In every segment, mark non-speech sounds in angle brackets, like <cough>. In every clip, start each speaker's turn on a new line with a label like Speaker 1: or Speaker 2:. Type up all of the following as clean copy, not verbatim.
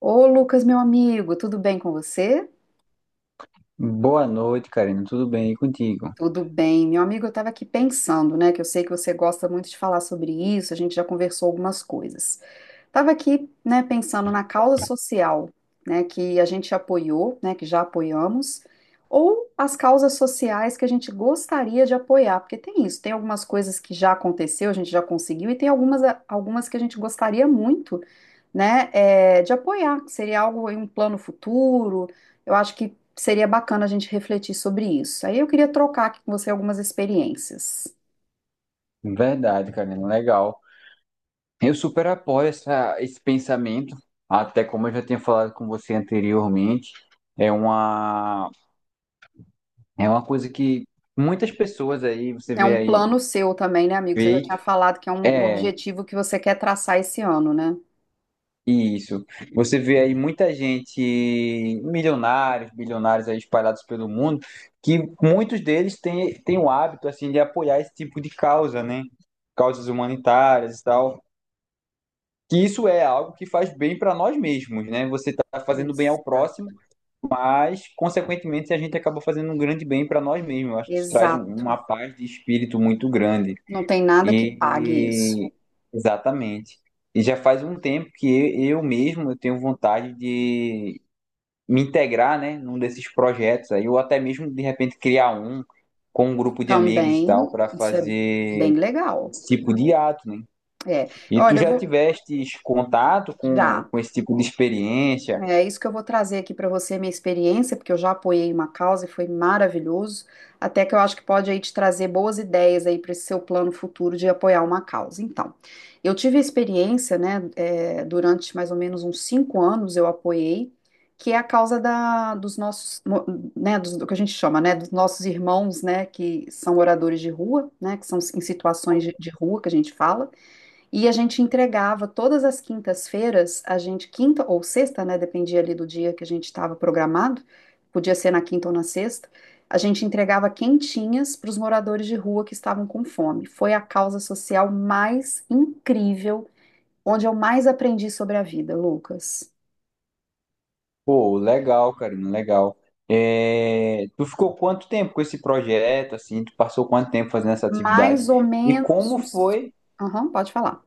Speaker 1: Ô, Lucas, meu amigo, tudo bem com você?
Speaker 2: Boa noite, Karina. Tudo bem e contigo?
Speaker 1: Tudo bem. Meu amigo, eu estava aqui pensando, né, que eu sei que você gosta muito de falar sobre isso, a gente já conversou algumas coisas. Estava aqui, né, pensando na causa social, né, que a gente apoiou, né, que já apoiamos, ou as causas sociais que a gente gostaria de apoiar, porque tem isso, tem algumas coisas que já aconteceu, a gente já conseguiu, e tem algumas que a gente gostaria muito né, de apoiar, que seria algo em um plano futuro. Eu acho que seria bacana a gente refletir sobre isso. Aí eu queria trocar aqui com você algumas experiências.
Speaker 2: Verdade, Karina. Legal. Eu super apoio esse pensamento, até como eu já tinha falado com você anteriormente, é uma, é uma coisa que muitas pessoas aí, você
Speaker 1: É
Speaker 2: vê
Speaker 1: um
Speaker 2: aí,
Speaker 1: plano seu também, né, amigo? Você já tinha
Speaker 2: feito.
Speaker 1: falado que é um
Speaker 2: É.
Speaker 1: objetivo que você quer traçar esse ano, né?
Speaker 2: Isso. Você vê aí muita gente, milionários, bilionários aí espalhados pelo mundo, que muitos deles têm o hábito assim de apoiar esse tipo de causa, né? Causas humanitárias e tal. Que isso é algo que faz bem para nós mesmos, né? Você está fazendo bem ao
Speaker 1: Exato.
Speaker 2: próximo, mas consequentemente a gente acaba fazendo um grande bem para nós mesmos. Eu acho que isso traz
Speaker 1: Exato.
Speaker 2: uma paz de espírito muito grande.
Speaker 1: Não tem nada que pague isso.
Speaker 2: E exatamente. E já faz um tempo que eu mesmo eu tenho vontade de me integrar, né, num desses projetos aí, ou até mesmo de repente criar um com um grupo de amigos e
Speaker 1: Também,
Speaker 2: tal para
Speaker 1: isso é bem
Speaker 2: fazer
Speaker 1: legal.
Speaker 2: esse tipo de ato, né?
Speaker 1: É.
Speaker 2: E tu
Speaker 1: Olha, eu
Speaker 2: já
Speaker 1: vou
Speaker 2: tiveste contato com,
Speaker 1: já.
Speaker 2: com esse tipo de experiência?
Speaker 1: É isso que eu vou trazer aqui para você, minha experiência, porque eu já apoiei uma causa e foi maravilhoso. Até que eu acho que pode aí te trazer boas ideias aí para esse seu plano futuro de apoiar uma causa. Então, eu tive a experiência, né, durante mais ou menos uns 5 anos eu apoiei, que é a causa dos nossos, né, do que a gente chama, né, dos nossos irmãos, né, que são moradores de rua, né, que são em situações de rua que a gente fala. E a gente entregava todas as quintas-feiras, a gente, quinta ou sexta, né? Dependia ali do dia que a gente estava programado, podia ser na quinta ou na sexta, a gente entregava quentinhas para os moradores de rua que estavam com fome. Foi a causa social mais incrível, onde eu mais aprendi sobre a vida, Lucas.
Speaker 2: Pô, legal, Karina, legal. É, tu ficou quanto tempo com esse projeto, assim? Tu passou quanto tempo fazendo essa atividade?
Speaker 1: Mais ou
Speaker 2: E
Speaker 1: menos.
Speaker 2: como
Speaker 1: uns-
Speaker 2: foi?
Speaker 1: Aham, pode falar.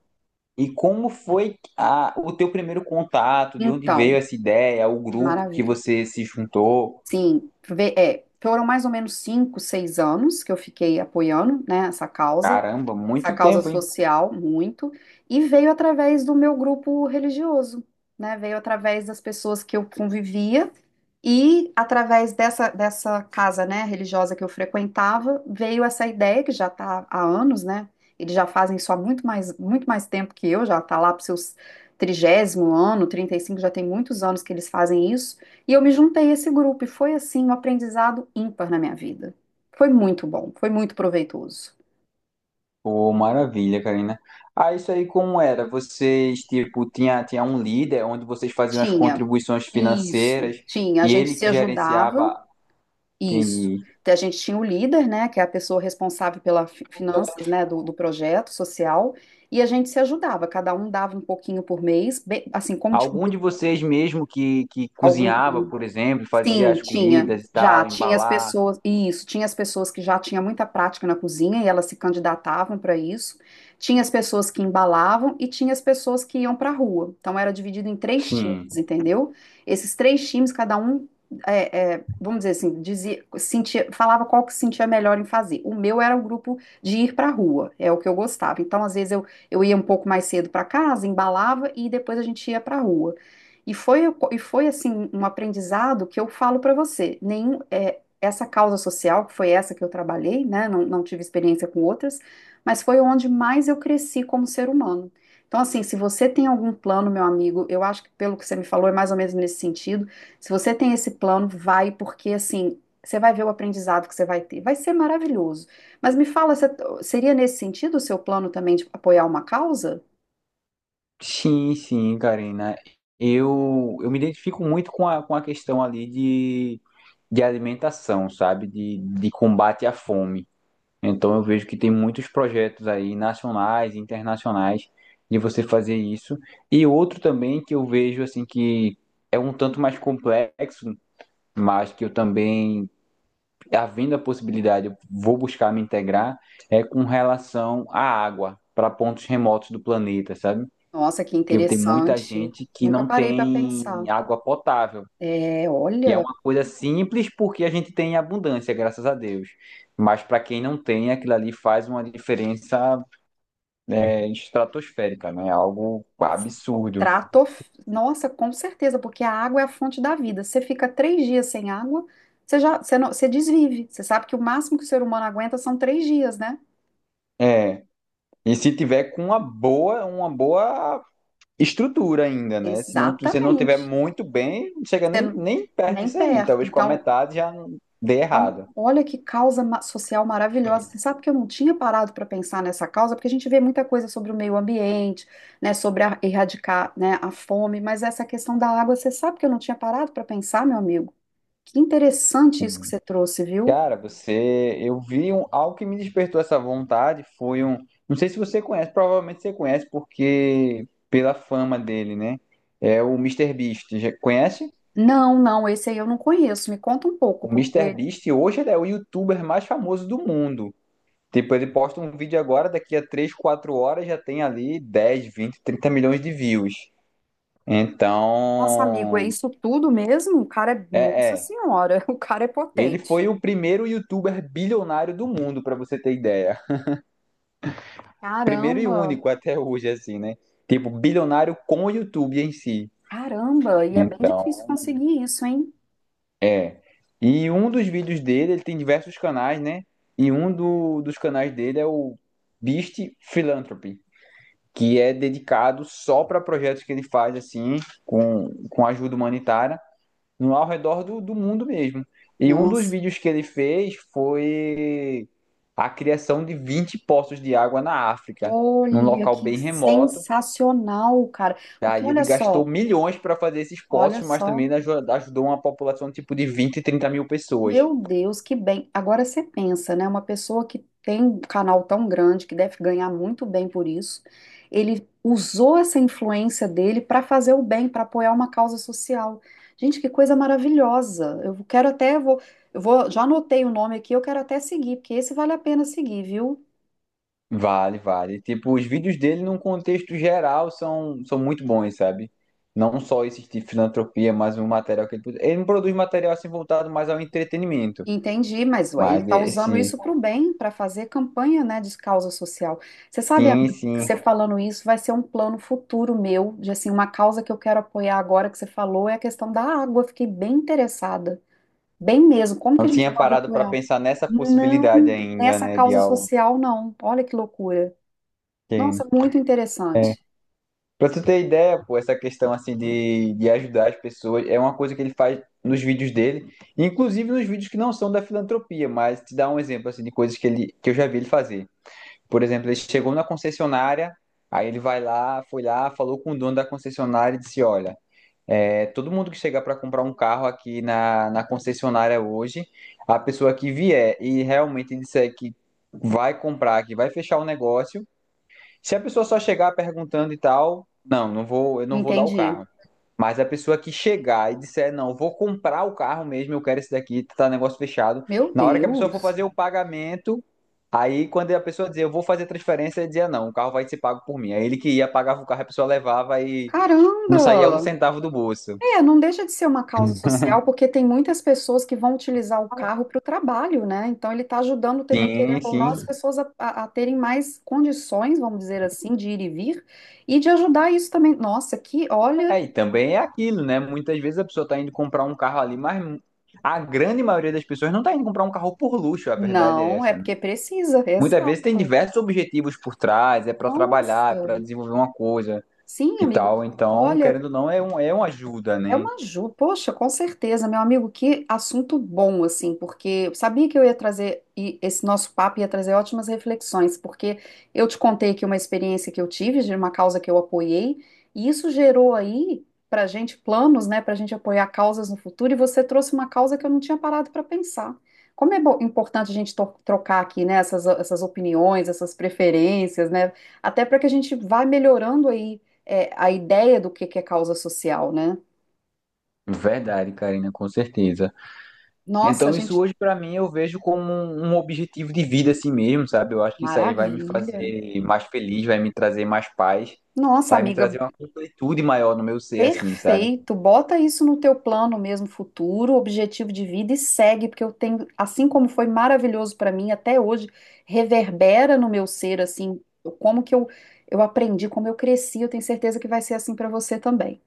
Speaker 2: E como foi o teu primeiro contato? De onde
Speaker 1: Então,
Speaker 2: veio essa ideia? O grupo que
Speaker 1: maravilha.
Speaker 2: você se juntou?
Speaker 1: Sim, foram mais ou menos 5, 6 anos que eu fiquei apoiando, né, essa causa
Speaker 2: Caramba,
Speaker 1: essa
Speaker 2: muito
Speaker 1: causa
Speaker 2: tempo, hein?
Speaker 1: social muito, e veio através do meu grupo religioso, né? Veio através das pessoas que eu convivia e através dessa casa, né, religiosa que eu frequentava, veio essa ideia que já está há anos, né? Eles já fazem isso há muito mais tempo que eu, já está lá para os seus 30º ano, 35 já tem muitos anos que eles fazem isso, e eu me juntei a esse grupo, e foi assim um aprendizado ímpar na minha vida. Foi muito bom, foi muito proveitoso.
Speaker 2: Pô, maravilha, Karina. Ah, isso aí como era? Vocês, tipo, tinha um líder onde vocês faziam as
Speaker 1: Tinha.
Speaker 2: contribuições
Speaker 1: Isso,
Speaker 2: financeiras
Speaker 1: tinha. A
Speaker 2: e
Speaker 1: gente
Speaker 2: ele
Speaker 1: se
Speaker 2: que
Speaker 1: ajudava,
Speaker 2: gerenciava,
Speaker 1: isso.
Speaker 2: entendi.
Speaker 1: Então, a gente tinha o líder, né, que é a pessoa responsável pelas finanças, né, do projeto social, e a gente se ajudava. Cada um dava um pouquinho por mês, assim, como tinha
Speaker 2: Algum de vocês mesmo que
Speaker 1: algum.
Speaker 2: cozinhava, por exemplo, fazia
Speaker 1: Sim,
Speaker 2: as
Speaker 1: tinha,
Speaker 2: comidas e
Speaker 1: já
Speaker 2: tal,
Speaker 1: tinha as
Speaker 2: embalar?
Speaker 1: pessoas, isso, tinha as pessoas que já tinham muita prática na cozinha e elas se candidatavam para isso, tinha as pessoas que embalavam e tinha as pessoas que iam para a rua. Então era dividido em três
Speaker 2: Sim.
Speaker 1: times, entendeu? Esses três times, cada um, vamos dizer assim, dizia, sentia, falava qual que sentia melhor em fazer. O meu era o grupo de ir para a rua, é o que eu gostava. Então às vezes eu ia um pouco mais cedo para casa, embalava e depois a gente ia para a rua. E foi assim um aprendizado que eu falo para você. Nenhum, essa causa social, que foi essa que eu trabalhei, né? Não, não tive experiência com outras, mas foi onde mais eu cresci como ser humano. Então, assim, se você tem algum plano, meu amigo, eu acho que pelo que você me falou é mais ou menos nesse sentido. Se você tem esse plano, vai, porque assim, você vai ver o aprendizado que você vai ter. Vai ser maravilhoso. Mas me fala, seria nesse sentido o seu plano também de apoiar uma causa?
Speaker 2: Sim, sim, Karina. Eu me identifico muito com a questão ali de alimentação, sabe? De combate à fome. Então eu vejo que tem muitos projetos aí, nacionais, internacionais, de você fazer isso. E outro também que eu vejo, assim, que é um tanto mais complexo, mas que eu também, havendo a possibilidade, eu vou buscar me integrar, é com relação à água, para pontos remotos do planeta, sabe?
Speaker 1: Nossa, que
Speaker 2: Porque tem muita
Speaker 1: interessante.
Speaker 2: gente que
Speaker 1: Nunca
Speaker 2: não
Speaker 1: parei para
Speaker 2: tem
Speaker 1: pensar.
Speaker 2: água potável.
Speaker 1: É,
Speaker 2: E é
Speaker 1: olha,
Speaker 2: uma coisa simples porque a gente tem em abundância, graças a Deus. Mas para quem não tem, aquilo ali faz uma diferença estratosférica, né? Algo absurdo.
Speaker 1: trato. Nossa, com certeza, porque a água é a fonte da vida. Você fica 3 dias sem água, você já, você não, você desvive. Você sabe que o máximo que o ser humano aguenta são 3 dias, né?
Speaker 2: É. E se tiver com uma boa estrutura ainda, né? Se não tiver
Speaker 1: Exatamente.
Speaker 2: muito bem, não chega
Speaker 1: Você
Speaker 2: nem,
Speaker 1: não-
Speaker 2: nem perto
Speaker 1: nem
Speaker 2: disso aí.
Speaker 1: perto.
Speaker 2: Talvez com a
Speaker 1: Então,
Speaker 2: metade já dê
Speaker 1: então,
Speaker 2: errado.
Speaker 1: olha que causa social maravilhosa. Você sabe que eu não tinha parado para pensar nessa causa, porque a gente vê muita coisa sobre o meio ambiente, né, sobre erradicar, né, a fome, mas essa questão da água, você sabe que eu não tinha parado para pensar, meu amigo. Que interessante isso que você trouxe, viu?
Speaker 2: Cara, você, eu vi um, algo que me despertou essa vontade foi um, não sei se você conhece, provavelmente você conhece porque pela fama dele, né? É o Mister Beast. Já conhece?
Speaker 1: Não, não, esse aí eu não conheço. Me conta um pouco,
Speaker 2: O Mister
Speaker 1: porque,
Speaker 2: Beast hoje ele é o youtuber mais famoso do mundo. Tipo, ele posta um vídeo agora, daqui a 3, 4 horas já tem ali 10, 20, 30 milhões de views.
Speaker 1: nossa, amigo, é
Speaker 2: Então,
Speaker 1: isso tudo mesmo? O cara é,
Speaker 2: é,
Speaker 1: nossa
Speaker 2: é.
Speaker 1: senhora, <laughs> o cara é
Speaker 2: Ele foi
Speaker 1: potente.
Speaker 2: o primeiro youtuber bilionário do mundo, pra você ter ideia. Primeiro e
Speaker 1: Caramba,
Speaker 2: único até hoje, assim, né? Tipo, bilionário com o YouTube em si.
Speaker 1: caramba, e é bem difícil
Speaker 2: Então,
Speaker 1: conseguir isso, hein?
Speaker 2: é. E um dos vídeos dele, ele tem diversos canais, né? E um dos canais dele é o Beast Philanthropy, que é dedicado só para projetos que ele faz, assim, com ajuda humanitária, no, ao redor do mundo mesmo. E um dos
Speaker 1: Nossa,
Speaker 2: vídeos que ele fez foi a criação de 20 poços de água na África, num
Speaker 1: olha
Speaker 2: local
Speaker 1: que
Speaker 2: bem remoto.
Speaker 1: sensacional, cara. Porque
Speaker 2: Daí
Speaker 1: olha
Speaker 2: ele gastou
Speaker 1: só,
Speaker 2: milhões para fazer esses
Speaker 1: olha
Speaker 2: poços, mas
Speaker 1: só.
Speaker 2: também ajudou uma população tipo de 20, 30 mil pessoas.
Speaker 1: Meu Deus, que bem. Agora você pensa, né? Uma pessoa que tem um canal tão grande, que deve ganhar muito bem por isso, ele usou essa influência dele para fazer o bem, para apoiar uma causa social. Gente, que coisa maravilhosa. Eu quero até, eu vou, já anotei o nome aqui, eu quero até seguir, porque esse vale a pena seguir, viu?
Speaker 2: Vale, vale. Tipo, os vídeos dele, num contexto geral, são muito bons, sabe? Não só esse de filantropia, mas o material que ele produz. Ele não produz material assim voltado mais ao entretenimento.
Speaker 1: Entendi, mas ué, ele
Speaker 2: Mas
Speaker 1: está usando
Speaker 2: esse.
Speaker 1: isso para o bem, para fazer campanha, né, de causa social. Você sabe,
Speaker 2: Sim,
Speaker 1: amigo, que
Speaker 2: sim.
Speaker 1: você falando isso vai ser um plano futuro meu, de assim, uma causa que eu quero apoiar agora que você falou é a questão da água. Eu fiquei bem interessada, bem mesmo. Como que a
Speaker 2: Não
Speaker 1: gente
Speaker 2: tinha
Speaker 1: pode
Speaker 2: parado para
Speaker 1: apoiar?
Speaker 2: pensar nessa
Speaker 1: Não,
Speaker 2: possibilidade ainda,
Speaker 1: nessa
Speaker 2: né? De
Speaker 1: causa
Speaker 2: algo.
Speaker 1: social não. Olha que loucura.
Speaker 2: Sim.
Speaker 1: Nossa, muito interessante.
Speaker 2: Pra tu ter ideia, pô, essa questão assim de ajudar as pessoas é uma coisa que ele faz nos vídeos dele, inclusive nos vídeos que não são da filantropia, mas te dá um exemplo assim de coisas que ele que eu já vi ele fazer. Por exemplo, ele chegou na concessionária, aí ele vai lá, foi lá, falou com o dono da concessionária e disse: "Olha, todo mundo que chegar para comprar um carro aqui na concessionária hoje, a pessoa que vier e realmente disser que vai comprar, que vai fechar o negócio, se a pessoa só chegar perguntando e tal, não, não vou, eu não vou dar o
Speaker 1: Entendi.
Speaker 2: carro. Mas a pessoa que chegar e disser, não, eu vou comprar o carro mesmo, eu quero esse daqui, tá tá, negócio fechado.
Speaker 1: Meu
Speaker 2: Na hora que a pessoa for
Speaker 1: Deus.
Speaker 2: fazer o pagamento, aí quando a pessoa dizer, eu vou fazer a transferência, ele dizia, não, o carro vai ser pago por mim. Aí ele que ia, pagava o carro, a pessoa levava e não saía um
Speaker 1: Caramba!
Speaker 2: centavo do bolso.
Speaker 1: É, não deixa de ser uma causa social, porque tem muitas pessoas que vão utilizar o carro para o trabalho, né? Então ele está ajudando também, querendo
Speaker 2: Sim,
Speaker 1: ou não,
Speaker 2: sim.
Speaker 1: as pessoas a terem mais condições, vamos dizer assim, de ir e vir, e de ajudar isso também. Nossa, olha,
Speaker 2: É, e também é aquilo, né? Muitas vezes a pessoa tá indo comprar um carro ali, mas a grande maioria das pessoas não tá indo comprar um carro por luxo, a verdade é
Speaker 1: não, é
Speaker 2: essa, né?
Speaker 1: porque precisa,
Speaker 2: Muitas vezes tem
Speaker 1: exato.
Speaker 2: diversos objetivos por trás, é para trabalhar, é
Speaker 1: Nossa,
Speaker 2: para desenvolver uma coisa
Speaker 1: sim,
Speaker 2: e
Speaker 1: amigo.
Speaker 2: tal. Então,
Speaker 1: Olha,
Speaker 2: querendo ou não, é uma ajuda,
Speaker 1: é
Speaker 2: né?
Speaker 1: uma ajuda, poxa, com certeza, meu amigo, que assunto bom, assim, porque eu sabia que eu ia trazer, e esse nosso papo ia trazer ótimas reflexões, porque eu te contei aqui uma experiência que eu tive de uma causa que eu apoiei, e isso gerou aí pra gente planos, né, pra gente apoiar causas no futuro, e você trouxe uma causa que eu não tinha parado para pensar. Como é importante a gente trocar aqui, né, essas opiniões, essas preferências, né, até para que a gente vá melhorando aí, a ideia do que é causa social, né?
Speaker 2: Verdade, Karina, com certeza.
Speaker 1: Nossa,
Speaker 2: Então, isso
Speaker 1: gente,
Speaker 2: hoje para mim eu vejo como um objetivo de vida assim mesmo, sabe? Eu acho que isso aí vai me
Speaker 1: maravilha.
Speaker 2: fazer mais feliz, vai me trazer mais paz,
Speaker 1: Nossa,
Speaker 2: vai me
Speaker 1: amiga,
Speaker 2: trazer uma completude maior no meu ser, assim, sabe?
Speaker 1: perfeito. Bota isso no teu plano mesmo futuro, objetivo de vida e segue, porque eu tenho, assim como foi maravilhoso para mim até hoje, reverbera no meu ser assim, como que eu aprendi, como eu cresci, eu tenho certeza que vai ser assim para você também.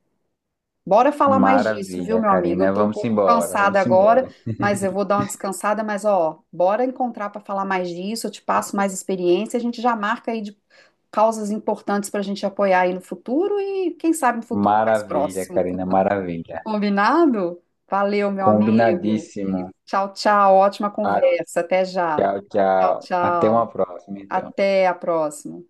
Speaker 1: Bora falar mais disso, viu,
Speaker 2: Maravilha,
Speaker 1: meu amigo?
Speaker 2: Karina.
Speaker 1: Eu tô um
Speaker 2: Vamos
Speaker 1: pouco
Speaker 2: embora,
Speaker 1: cansada
Speaker 2: vamos embora.
Speaker 1: agora, mas eu vou dar uma descansada, mas ó, bora encontrar para falar mais disso, eu te passo mais experiência, a gente já marca aí de causas importantes para a gente apoiar aí no futuro e quem sabe no futuro mais
Speaker 2: Maravilha,
Speaker 1: próximo.
Speaker 2: Karina, maravilha.
Speaker 1: Combinado? Valeu, meu amigo.
Speaker 2: Combinadíssimo.
Speaker 1: Tchau, tchau. Ótima conversa. Até já.
Speaker 2: Tchau,
Speaker 1: Tchau,
Speaker 2: tchau. Até uma
Speaker 1: tchau.
Speaker 2: próxima, então.
Speaker 1: Até a próxima.